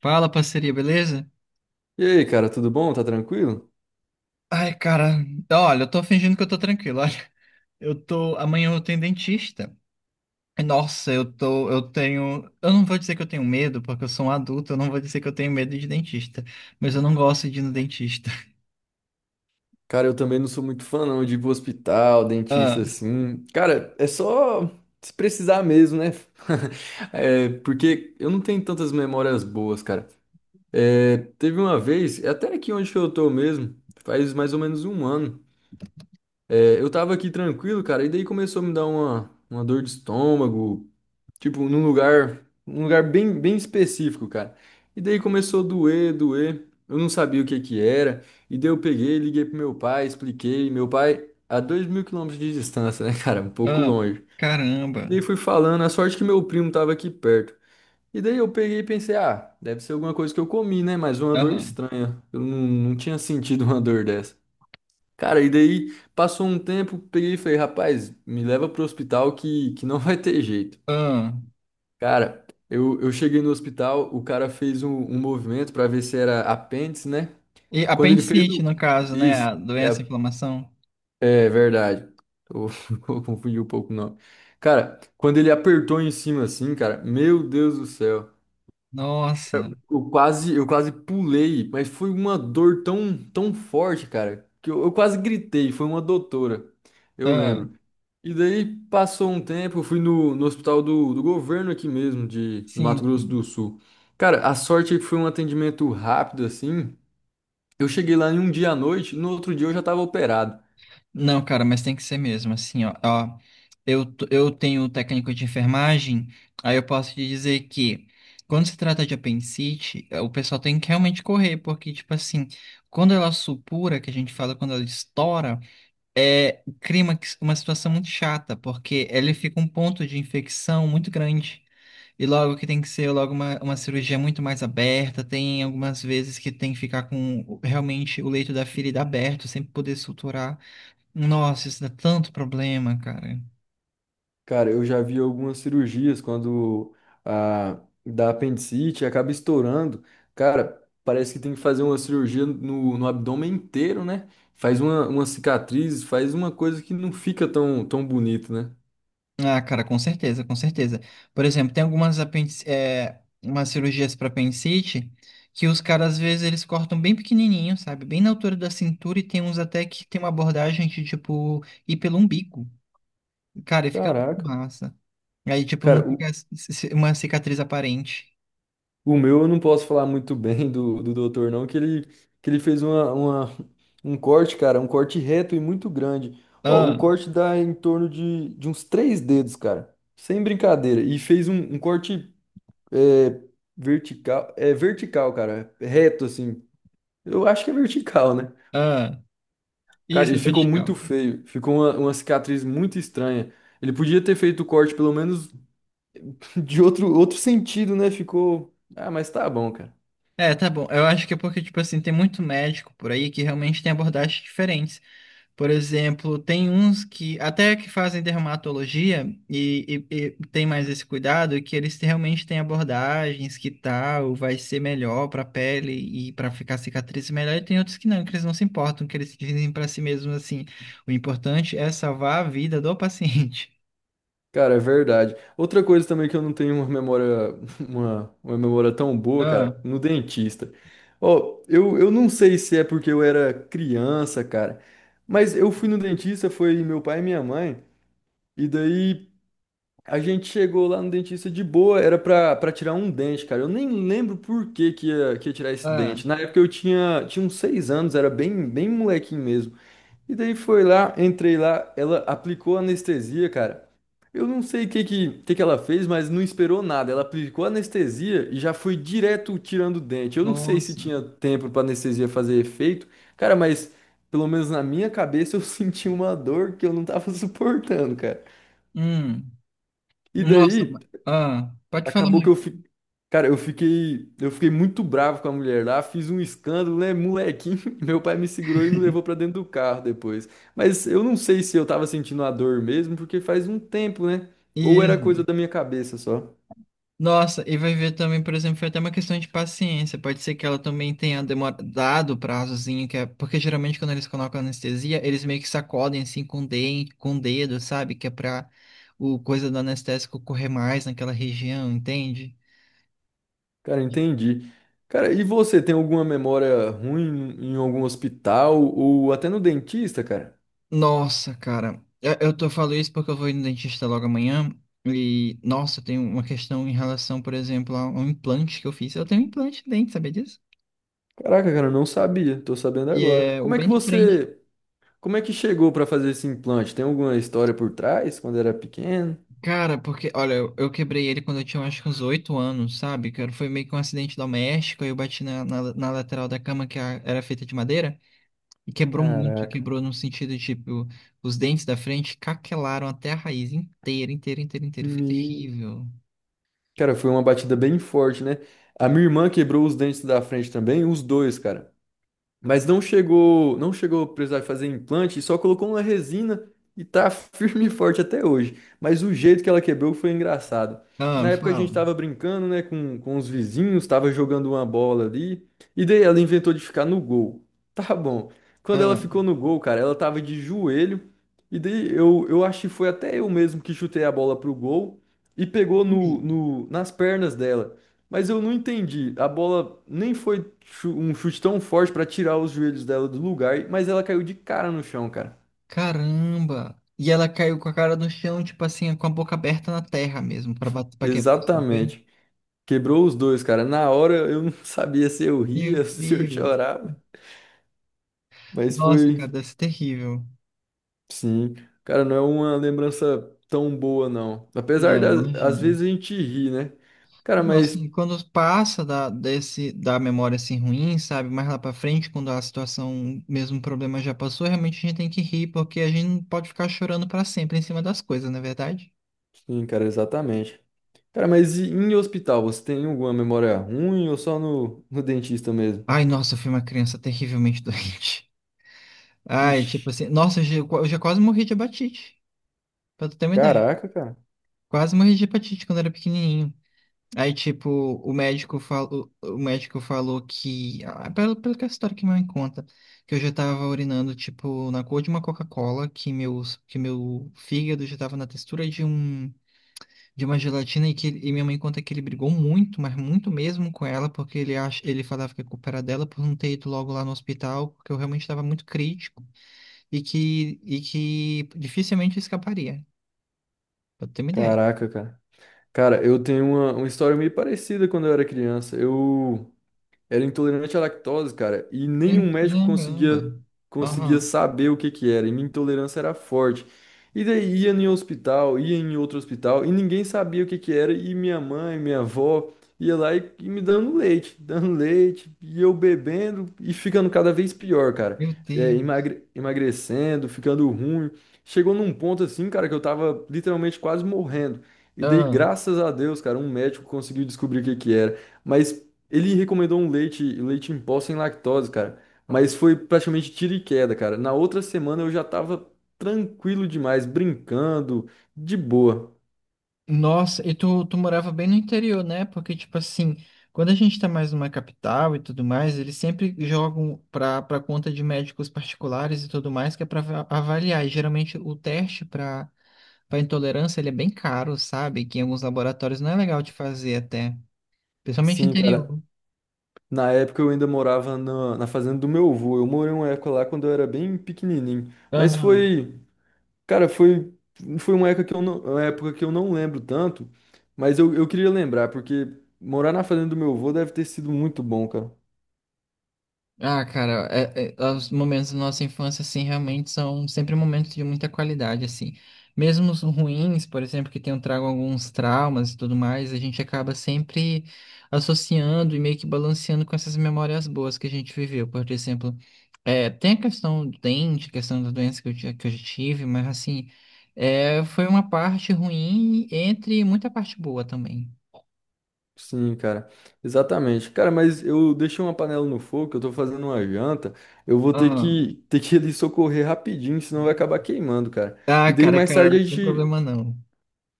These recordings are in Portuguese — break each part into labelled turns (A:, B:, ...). A: Fala, parceria, beleza?
B: E aí, cara, tudo bom? Tá tranquilo?
A: Ai, cara, olha, eu tô fingindo que eu tô tranquilo, olha. Eu tô, amanhã eu tenho dentista. Nossa, eu tô, eu tenho, eu não vou dizer que eu tenho medo, porque eu sou um adulto, eu não vou dizer que eu tenho medo de dentista, mas eu não gosto de ir no dentista.
B: Cara, eu também não sou muito fã, não, de ir pro hospital, dentista,
A: Ah,
B: assim. Cara, é só se precisar mesmo, né? É, porque eu não tenho tantas memórias boas, cara. É, teve uma vez, é até aqui onde que eu tô mesmo, faz mais ou menos um ano. É, eu tava aqui tranquilo, cara, e daí começou a me dar uma dor de estômago. Tipo, um lugar bem específico, cara. E daí começou a doer, doer. Eu não sabia o que que era. E daí eu peguei, liguei pro meu pai, expliquei. Meu pai, a 2.000 quilômetros de distância, né, cara? Um pouco
A: ah,
B: longe.
A: caramba.
B: E daí fui falando, a sorte que meu primo tava aqui perto. E daí eu peguei e pensei, ah, deve ser alguma coisa que eu comi, né? Mas uma dor
A: Aham.
B: estranha. Eu não tinha sentido uma dor dessa. Cara, e daí passou um tempo, peguei e falei, rapaz, me leva pro hospital que não vai ter jeito.
A: Ah.
B: Cara, eu cheguei no hospital, o cara fez um movimento pra ver se era apêndice, né?
A: E
B: Quando ele fez
A: apendicite,
B: o.
A: no caso, né?
B: Isso,
A: A
B: é,
A: doença, a inflamação.
B: é verdade. Eu, eu confundi um pouco o nome. Cara, quando ele apertou em cima assim, cara, meu Deus do céu.
A: Nossa.
B: Eu quase pulei, mas foi uma dor tão, tão forte, cara, que eu quase gritei. Foi uma doutora, eu
A: Ah,
B: lembro. E daí passou um tempo, eu fui no, no hospital do governo aqui mesmo, do Mato
A: sim,
B: Grosso do
A: sim.
B: Sul. Cara, a sorte é que foi um atendimento rápido assim. Eu cheguei lá em um dia à noite, no outro dia eu já estava operado.
A: Não, cara, mas tem que ser mesmo, assim, ó. Ó, eu tenho técnico de enfermagem, aí eu posso te dizer que quando se trata de apendicite, o pessoal tem que realmente correr, porque, tipo assim, quando ela supura, que a gente fala quando ela estoura, é clímax, uma situação muito chata, porque ele fica um ponto de infecção muito grande. E logo que tem que ser logo uma cirurgia muito mais aberta, tem algumas vezes que tem que ficar com realmente o leito da ferida aberto, sempre poder suturar. Nossa, isso dá tanto problema, cara.
B: Cara, eu já vi algumas cirurgias quando a da apendicite acaba estourando. Cara, parece que tem que fazer uma cirurgia no abdômen inteiro, né? Faz uma cicatriz, faz uma coisa que não fica tão, tão bonito, né?
A: Ah, cara, com certeza, com certeza. Por exemplo, tem algumas umas cirurgias para apendicite que os caras, às vezes, eles cortam bem pequenininho, sabe? Bem na altura da cintura e tem uns até que tem uma abordagem de, tipo, ir pelo umbigo. Cara, e fica muito
B: Caraca.
A: massa. Aí, tipo,
B: Cara,
A: não
B: o,
A: fica uma cicatriz aparente.
B: o meu eu não posso falar muito bem do doutor, não, que ele fez um corte, cara, um corte reto e muito grande. Ó, o
A: Ah,
B: corte dá em torno de uns três dedos, cara. Sem brincadeira. E fez um corte. É é vertical, cara. Reto, assim. Eu acho que é vertical, né?
A: ah,
B: Cara,
A: isso
B: ele
A: é bem
B: ficou muito
A: legal.
B: feio. Ficou uma cicatriz muito estranha. Ele podia ter feito o corte pelo menos de outro sentido, né? Ficou. Ah, mas tá bom, cara.
A: É, tá bom. Eu acho que é porque, tipo assim, tem muito médico por aí que realmente tem abordagens diferentes. Por exemplo, tem uns que até que fazem dermatologia e tem mais esse cuidado, que eles realmente têm abordagens que tal vai ser melhor para a pele e para ficar cicatriz melhor. E tem outros que não, que eles não se importam, que eles dizem para si mesmos assim: o importante é salvar a vida do paciente.
B: Cara, é verdade. Outra coisa também que eu não tenho uma memória, uma memória tão boa,
A: Ah,
B: cara, no dentista. Ó, eu não sei se é porque eu era criança, cara, mas eu fui no dentista, foi meu pai e minha mãe. E daí a gente chegou lá no dentista de boa, era pra tirar um dente, cara. Eu nem lembro por que que ia tirar esse
A: ah,
B: dente. Na época eu tinha uns 6 anos, era bem molequinho mesmo. E daí foi lá, entrei lá, ela aplicou anestesia, cara. Eu não sei o que que ela fez, mas não esperou nada. Ela aplicou anestesia e já foi direto tirando o dente. Eu não sei se
A: nossa.
B: tinha tempo pra anestesia fazer efeito, cara, mas pelo menos na minha cabeça eu senti uma dor que eu não tava suportando, cara.
A: Hum,
B: E
A: nossa.
B: daí.
A: Ah, pode falar
B: Acabou que eu
A: mais.
B: fi... Cara, eu fiquei muito bravo com a mulher lá, fiz um escândalo, né, molequinho. Meu pai me segurou e me levou pra dentro do carro depois. Mas eu não sei se eu tava sentindo a dor mesmo, porque faz um tempo, né? Ou era coisa
A: Isso.
B: da minha cabeça só.
A: Nossa, e vai ver também, por exemplo, foi até uma questão de paciência. Pode ser que ela também tenha demorado, dado o prazozinho, que é, porque geralmente quando eles colocam anestesia, eles meio que sacodem assim com o dente, com o dedo, sabe? Que é pra o coisa do anestésico correr mais naquela região, entende?
B: Cara, entendi. Cara, e você tem alguma memória ruim em algum hospital ou até no dentista, cara?
A: Nossa, cara, eu tô falando isso porque eu vou ir no dentista logo amanhã e, nossa, tem uma questão em relação, por exemplo, a um implante que eu fiz. Eu tenho um implante de dente, sabia disso?
B: Caraca, cara, eu não sabia. Tô sabendo
A: E
B: agora.
A: é o
B: Como é que
A: bem de frente.
B: você, como é que chegou pra fazer esse implante? Tem alguma história por trás quando era pequeno?
A: Cara, porque, olha, eu quebrei ele quando eu tinha eu acho que uns 8 anos, sabe? Foi meio que um acidente doméstico, aí eu bati na lateral da cama que era feita de madeira e quebrou muito,
B: Caraca.
A: quebrou no sentido de, tipo, os dentes da frente caquelaram até a raiz inteira, inteira, inteira, inteira. Foi
B: Me...
A: terrível.
B: Cara, foi uma batida bem forte, né? A minha irmã quebrou os dentes da frente também, os dois, cara. Mas não chegou a precisar fazer implante, só colocou uma resina e tá firme e forte até hoje. Mas o jeito que ela quebrou foi engraçado.
A: Ah,
B: Na
A: me
B: época a gente
A: fala.
B: tava brincando, né, com os vizinhos, tava jogando uma bola ali, e daí ela inventou de ficar no gol. Tá bom. Quando ela
A: Ah,
B: ficou no gol, cara, ela tava de joelho, e daí eu acho que foi até eu mesmo que chutei a bola pro gol e pegou no,
A: ih,
B: no, nas pernas dela. Mas eu não entendi. A bola nem foi chu- um chute tão forte pra tirar os joelhos dela do lugar, mas ela caiu de cara no chão, cara.
A: caramba! E ela caiu com a cara no chão, tipo assim, com a boca aberta na terra mesmo, pra, pra quebrar assim, foi?
B: Exatamente. Quebrou os dois, cara. Na hora eu não sabia se eu
A: Meu
B: ria, se eu
A: Deus!
B: chorava. Mas
A: Nossa, cara,
B: foi,
A: deve ser terrível.
B: sim. Cara, não é uma lembrança tão boa, não. Apesar
A: Não,
B: das, às
A: imagino.
B: vezes a gente ri, né? Cara,
A: Nossa,
B: mas,
A: e quando passa da memória assim ruim, sabe? Mais lá pra frente, quando a situação, mesmo o problema já passou, realmente a gente tem que rir, porque a gente não pode ficar chorando pra sempre em cima das coisas, não é verdade?
B: sim, cara, exatamente. Cara, mas e em hospital, você tem alguma memória ruim ou só no, no dentista mesmo?
A: Ai, nossa, eu fui uma criança terrivelmente doente. Ai, tipo
B: Vixe,
A: assim, nossa, eu já quase morri de hepatite, pra tu ter uma ideia.
B: caraca, cara.
A: Quase morri de hepatite quando era pequenininho. Aí, tipo, o médico falou que, ah, pelo que é a história que minha mãe conta, que eu já tava urinando, tipo, na cor de uma Coca-Cola, que meu fígado já tava na textura de de uma gelatina, e minha mãe conta que ele brigou muito, mas muito mesmo com ela, porque ele acha, ele falava que a culpa era dela por não ter ido logo lá no hospital, porque eu realmente estava muito crítico, e que dificilmente eu escaparia, pra ter uma ideia.
B: Caraca, cara. Cara, eu tenho uma história meio parecida quando eu era criança. Eu, era intolerante à lactose, cara, e nenhum médico
A: Caramba.
B: conseguia
A: Aham,
B: saber o que que era. E minha intolerância era forte. E daí ia em hospital, ia em outro hospital e ninguém sabia o que que era. E minha mãe, minha avó ia lá e me dando leite, dando leite, e eu bebendo e ficando cada vez pior, cara.
A: meu
B: É,
A: Deus.
B: emagre- emagrecendo, ficando ruim. Chegou num ponto assim, cara, que eu tava literalmente quase morrendo. E daí,
A: Ah.
B: graças a Deus, cara, um médico conseguiu descobrir o que que era. Mas ele recomendou um leite em pó sem lactose, cara. Mas foi praticamente tiro e queda, cara. Na outra semana eu já tava tranquilo demais, brincando, de boa.
A: Nossa, e tu morava bem no interior, né? Porque, tipo assim, quando a gente tá mais numa capital e tudo mais, eles sempre jogam pra conta de médicos particulares e tudo mais, que é pra avaliar. E geralmente o teste pra, pra intolerância, ele é bem caro, sabe? Que em alguns laboratórios não é legal de fazer até. Principalmente
B: Sim, cara.
A: interior.
B: Na época eu ainda morava na fazenda do meu avô. Eu morei uma época lá quando eu era bem pequenininho. Mas
A: Aham.
B: foi, cara, foi, foi uma época que eu não, uma época que eu não lembro tanto. Mas eu queria lembrar, porque morar na fazenda do meu avô deve ter sido muito bom, cara.
A: Ah, cara, os momentos da nossa infância, assim, realmente são sempre momentos de muita qualidade, assim. Mesmo os ruins, por exemplo, que tenham trago alguns traumas e tudo mais, a gente acaba sempre associando e meio que balanceando com essas memórias boas que a gente viveu. Por exemplo, é, tem a questão do dente, a questão da doença que que eu tive, mas, assim, é, foi uma parte ruim entre muita parte boa também.
B: Sim, cara, exatamente. Cara, mas eu deixei uma panela no fogo, eu tô fazendo uma janta, eu vou ter
A: Ah,
B: que ter que ir ali socorrer rapidinho, senão vai acabar queimando, cara.
A: ah,
B: E daí
A: cara,
B: mais
A: cara,
B: tarde a
A: não tem
B: gente,
A: problema não.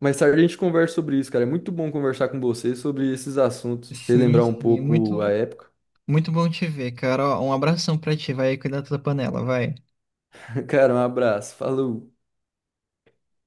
B: mais tarde a gente conversa sobre isso, cara. É muito bom conversar com você sobre esses assuntos,
A: Sim,
B: relembrar um
A: sim,
B: pouco a
A: muito.
B: época.
A: Muito bom te ver, cara. Ó, um abração pra ti, vai cuidar da tua panela, vai.
B: Cara, um abraço, falou.